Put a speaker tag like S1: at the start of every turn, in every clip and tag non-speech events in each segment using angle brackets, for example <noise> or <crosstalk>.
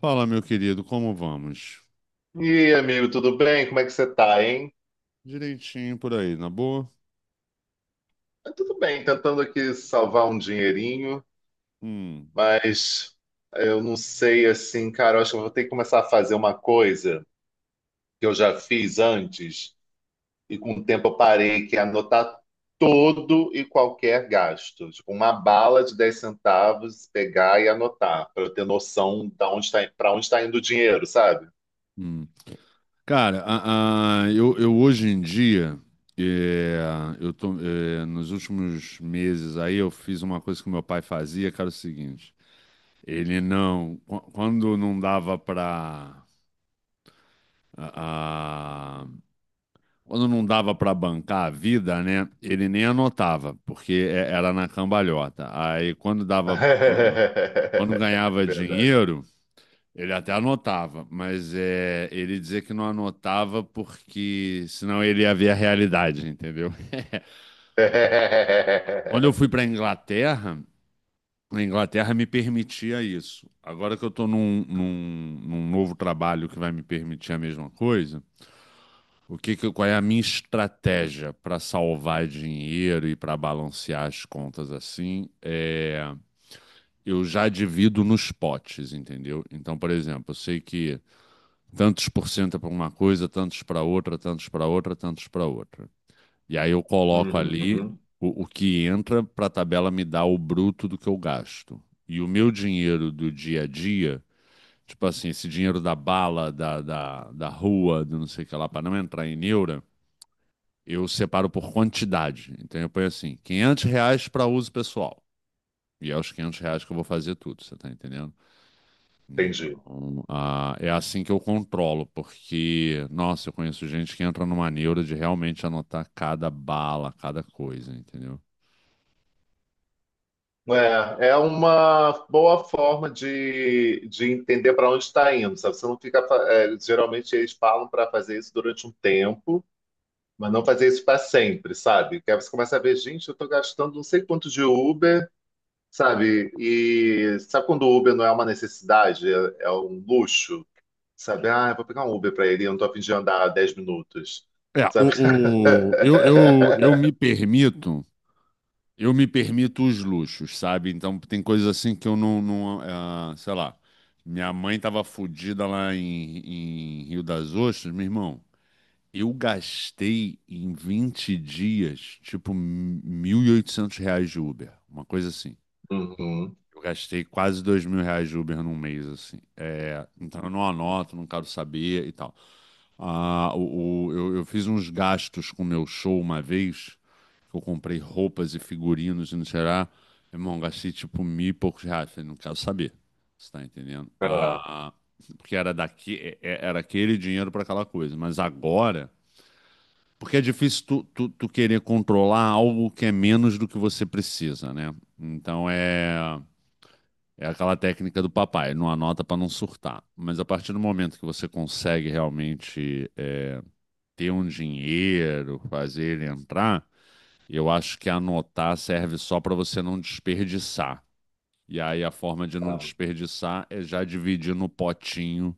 S1: Fala, meu querido, como vamos?
S2: E aí, amigo, tudo bem? Como é que você tá, hein?
S1: Direitinho por aí, na boa?
S2: Ah, tudo bem, tentando aqui salvar um dinheirinho,
S1: Hum,
S2: mas eu não sei assim, cara, eu acho que eu vou ter que começar a fazer uma coisa que eu já fiz antes e com o tempo eu parei, que é anotar todo e qualquer gasto. Tipo, uma bala de 10 centavos, pegar e anotar, para eu ter noção de onde tá, para onde está indo o dinheiro, sabe?
S1: hum. Cara, eu hoje em dia, é, eu tô, nos últimos meses aí, eu fiz uma coisa que meu pai fazia, que era o seguinte: ele não, qu- quando não dava pra, a- a- quando não dava pra bancar a vida, né, ele nem anotava, porque era na cambalhota. Aí quando
S2: <laughs>
S1: dava, quando
S2: É
S1: ganhava
S2: verdade.
S1: dinheiro, ele até anotava, mas ele dizia que não anotava porque senão ele ia ver a realidade, entendeu? <laughs> Quando eu fui
S2: <laughs>
S1: para a Inglaterra me permitia isso. Agora que eu estou num novo trabalho que vai me permitir a mesma coisa, qual é a minha estratégia para salvar dinheiro e para balancear as contas assim? Eu já divido nos potes, entendeu? Então, por exemplo, eu sei que tantos por cento para uma coisa, tantos para outra, tantos para outra, tantos para outra. E aí eu coloco
S2: Uhum,
S1: ali
S2: uhum.
S1: o que entra para a tabela me dar o bruto do que eu gasto. E o meu dinheiro do dia a dia, tipo assim, esse dinheiro da bala, da rua, do não sei o que lá, para não entrar em neura, eu separo por quantidade. Então eu ponho assim, R$ 500 para uso pessoal. E é os R$ 500 que eu vou fazer tudo, você tá entendendo?
S2: Entendi.
S1: Então, ah, é assim que eu controlo, porque, nossa, eu conheço gente que entra numa neura de realmente anotar cada bala, cada coisa, entendeu?
S2: É, é uma boa forma de entender para onde está indo, sabe? Você não fica. Geralmente eles falam para fazer isso durante um tempo, mas não fazer isso para sempre, sabe? Porque aí você começa a ver, gente, eu estou gastando não sei quanto de Uber, sabe? E sabe quando o Uber não é uma necessidade, é um luxo, sabe? Ah, eu vou pegar um Uber para ele, eu não estou a fim de andar 10 minutos,
S1: É,
S2: sabe? <laughs>
S1: o, o- eu, eu, eu me permito, eu me permito os luxos, sabe? Então tem coisas assim que eu não, não ah, sei lá, minha mãe tava fodida lá em, Rio das Ostras, meu irmão, eu gastei em 20 dias, tipo, R$ 1.800 de Uber, uma coisa assim.
S2: Uhum,
S1: Eu gastei quase R$ 2.000 de Uber num mês, assim. É, então eu não anoto, não quero saber e tal. Eu fiz uns gastos com o meu show uma vez, que eu comprei roupas e figurinos e não sei lá. Irmão, gastei tipo mil e poucos reais. Falei, não quero saber. Você tá entendendo?
S2: é,
S1: Ah, porque era daqui, era aquele dinheiro para aquela coisa. Mas agora, porque é difícil tu querer controlar algo que é menos do que você precisa, né? Então é. É aquela técnica do papai, não anota para não surtar. Mas a partir do momento que você consegue realmente ter um dinheiro, fazer ele entrar, eu acho que anotar serve só para você não desperdiçar. E aí a forma de não
S2: é.
S1: desperdiçar é já dividir no potinho,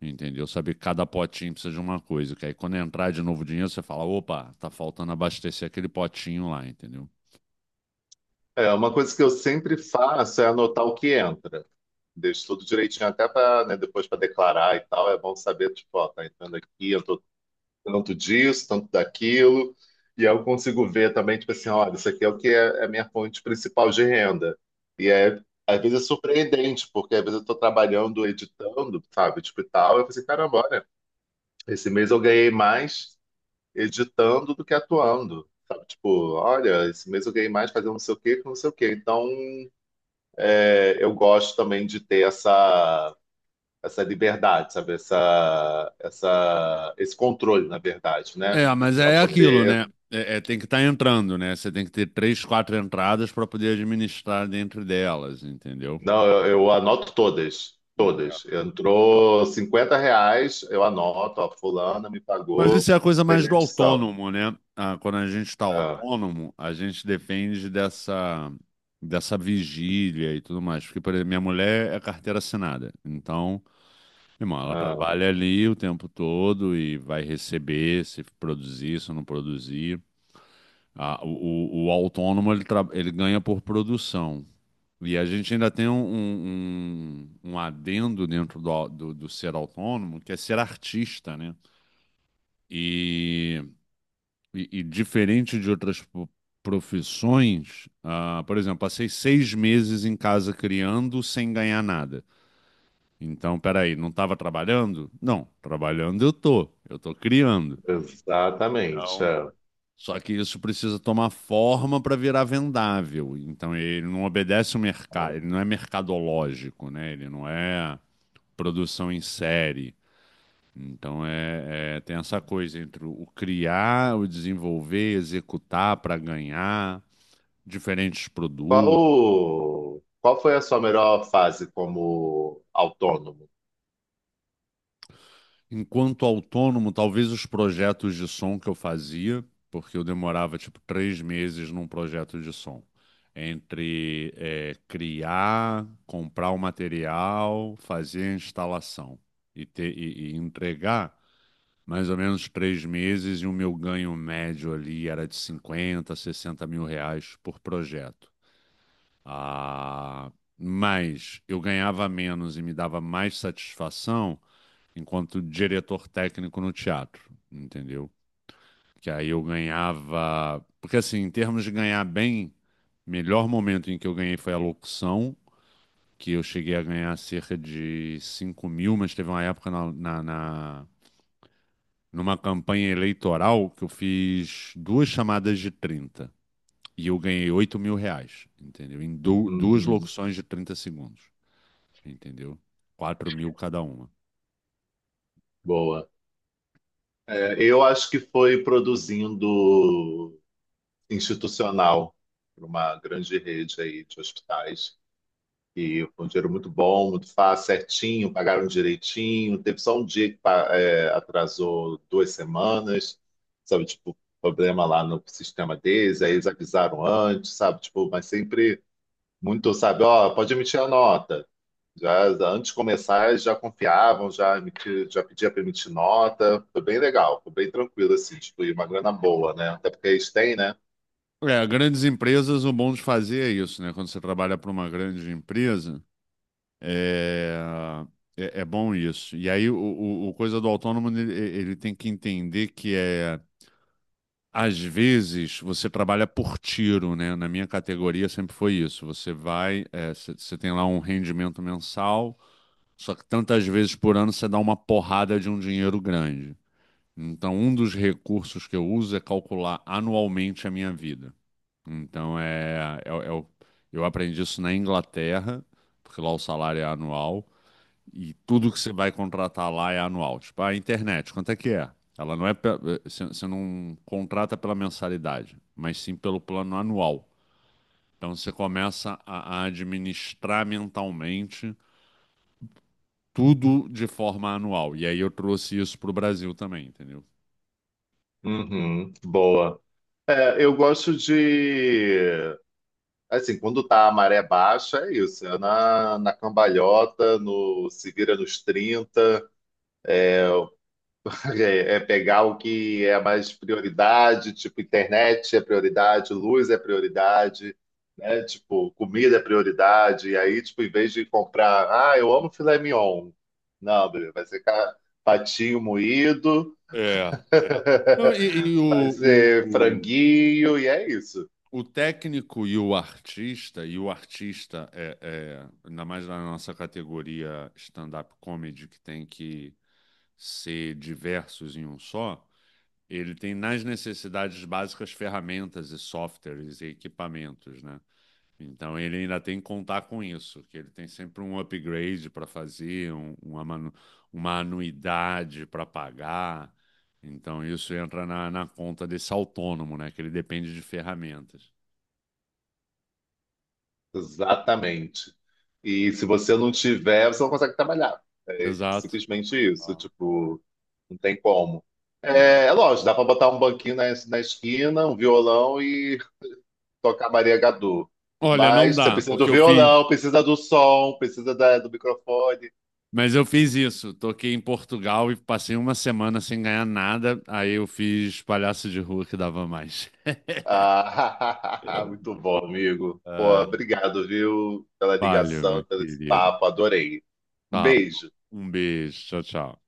S1: entendeu? Saber que cada potinho precisa de uma coisa, que aí quando entrar de novo o dinheiro, você fala, opa, tá faltando abastecer aquele potinho lá, entendeu?
S2: É, uma coisa que eu sempre faço é anotar o que entra. Deixo tudo direitinho até para, depois para declarar e tal. É bom saber, tipo, ó, tá entrando aqui, eu tô tanto disso, tanto daquilo. E aí eu consigo ver também, tipo assim, olha, isso aqui é o que é a minha fonte principal de renda. E é, às vezes é surpreendente, porque às vezes eu tô trabalhando, editando, sabe, tipo e tal. Eu pensei, caramba, olha, esse mês eu ganhei mais editando do que atuando. Sabe, tipo, olha, esse mês eu ganhei mais fazendo não sei o quê que não sei o quê. Então, é, eu gosto também de ter essa liberdade, sabe? Esse controle, na verdade, né?
S1: É, mas
S2: Para
S1: é aquilo, né?
S2: poder.
S1: É, tem que estar entrando, né? Você tem que ter três, quatro entradas para poder administrar dentro delas, entendeu?
S2: Não, eu anoto todas. Todas. Entrou R$ 50, eu anoto, ó, fulana me
S1: Mas
S2: pagou
S1: isso é a coisa mais
S2: pela
S1: do
S2: edição.
S1: autônomo, né? Ah, quando a gente está
S2: Ah,
S1: autônomo, a gente depende dessa, dessa vigília e tudo mais. Porque, por exemplo, minha mulher é carteira assinada. Então, irmão, ela
S2: ah,
S1: trabalha ali o tempo todo e vai receber se produzir, se não produzir. O autônomo, ele ganha por produção. E a gente ainda tem um adendo dentro do, do, do ser autônomo, que é ser artista, né? E, e diferente de outras profissões, ah, por exemplo, passei 6 meses em casa criando sem ganhar nada. Então, peraí, não estava trabalhando? Não, trabalhando eu tô criando.
S2: exatamente.
S1: Então,
S2: É.
S1: só que isso precisa tomar forma para virar vendável. Então, ele não obedece o
S2: Ah.
S1: mercado, ele não é mercadológico, né? Ele não é produção em série. Então, tem essa coisa entre o criar, o desenvolver, executar para ganhar diferentes produtos.
S2: Qual foi a sua melhor fase como autônomo?
S1: Enquanto autônomo, talvez os projetos de som que eu fazia, porque eu demorava tipo 3 meses num projeto de som. Entre criar, comprar o material, fazer a instalação e, ter, e entregar mais ou menos 3 meses, e o meu ganho médio ali era de 50 a 60 mil reais por projeto. Ah, mas eu ganhava menos e me dava mais satisfação enquanto diretor técnico no teatro, entendeu? Que aí eu ganhava. Porque assim, em termos de ganhar bem, o melhor momento em que eu ganhei foi a locução. Que eu cheguei a ganhar cerca de 5 mil, mas teve uma época na, na, na numa campanha eleitoral que eu fiz duas chamadas de 30 e eu ganhei R$ 8.000, entendeu? Em duas
S2: Uhum,
S1: locuções de 30 segundos, entendeu? 4 mil cada uma.
S2: boa. É, eu acho que foi produzindo institucional para uma grande rede aí de hospitais. E foi um dinheiro muito bom, muito fácil, certinho, pagaram direitinho. Teve só um dia que atrasou 2 semanas, sabe? Tipo, problema lá no sistema deles, aí eles avisaram antes, sabe? Tipo, mas sempre muito, sabe? Ó, pode emitir a nota. Já antes de começar, já confiavam, já pedia para emitir nota. Foi bem legal, foi bem tranquilo, assim, tipo, e uma grana boa, né? Até porque eles têm, né?
S1: É, grandes empresas, o bom de fazer é isso, né? Quando você trabalha para uma grande empresa, é... É, é bom isso. E aí, o coisa do autônomo, ele tem que entender que é. Às vezes você trabalha por tiro, né? Na minha categoria sempre foi isso. Você vai, é, você tem lá um rendimento mensal, só que tantas vezes por ano você dá uma porrada de um dinheiro grande. Então, um dos recursos que eu uso é calcular anualmente a minha vida. Então, eu aprendi isso na Inglaterra, porque lá o salário é anual e tudo que você vai contratar lá é anual. Tipo, a internet, quanto é que é? Ela não é. Pe- eh, você não contrata pela mensalidade, mas sim pelo plano anual. Então você começa a administrar mentalmente tudo de forma anual. E aí eu trouxe isso para o Brasil também, entendeu?
S2: Uhum, boa. É, eu gosto de. Assim, quando tá a maré baixa, é isso. É na cambalhota, se vira nos trinta. É pegar o que é mais prioridade, tipo, internet é prioridade, luz é prioridade, né? Tipo, comida é prioridade. E aí, tipo, em vez de comprar, ah, eu amo filé mignon. Não, Bruno, vai ser patinho moído,
S1: É, é. Não, e,
S2: <laughs> vai ser
S1: o,
S2: franguinho, e é isso.
S1: técnico e o artista é, ainda mais na nossa categoria stand-up comedy, que tem que ser diversos em um só, ele tem nas necessidades básicas ferramentas e softwares e equipamentos, né? Então ele ainda tem que contar com isso, que ele tem sempre um upgrade para fazer, uma anuidade para pagar. Então isso entra na conta desse autônomo, né? Que ele depende de ferramentas.
S2: Exatamente. E se você não tiver, você não consegue trabalhar.
S1: Exato.
S2: Simplesmente isso,
S1: Ah,
S2: tipo, não tem como.
S1: é.
S2: É lógico, dá pra botar um banquinho na esquina, um violão e tocar Maria Gadu.
S1: Olha, não
S2: Mas você
S1: dá,
S2: precisa do
S1: porque eu fiz.
S2: violão, precisa do som, precisa do microfone.
S1: Mas eu fiz isso. Toquei em Portugal e passei uma semana sem ganhar nada. Aí eu fiz palhaço de rua que dava mais. <laughs>
S2: Ah, <laughs> muito bom, amigo. Pô,
S1: Ah,
S2: obrigado, viu, pela
S1: valeu,
S2: ligação,
S1: meu
S2: pelo esse
S1: querido.
S2: papo, adorei. Um
S1: Tá bom.
S2: beijo.
S1: Um beijo. Tchau, tchau.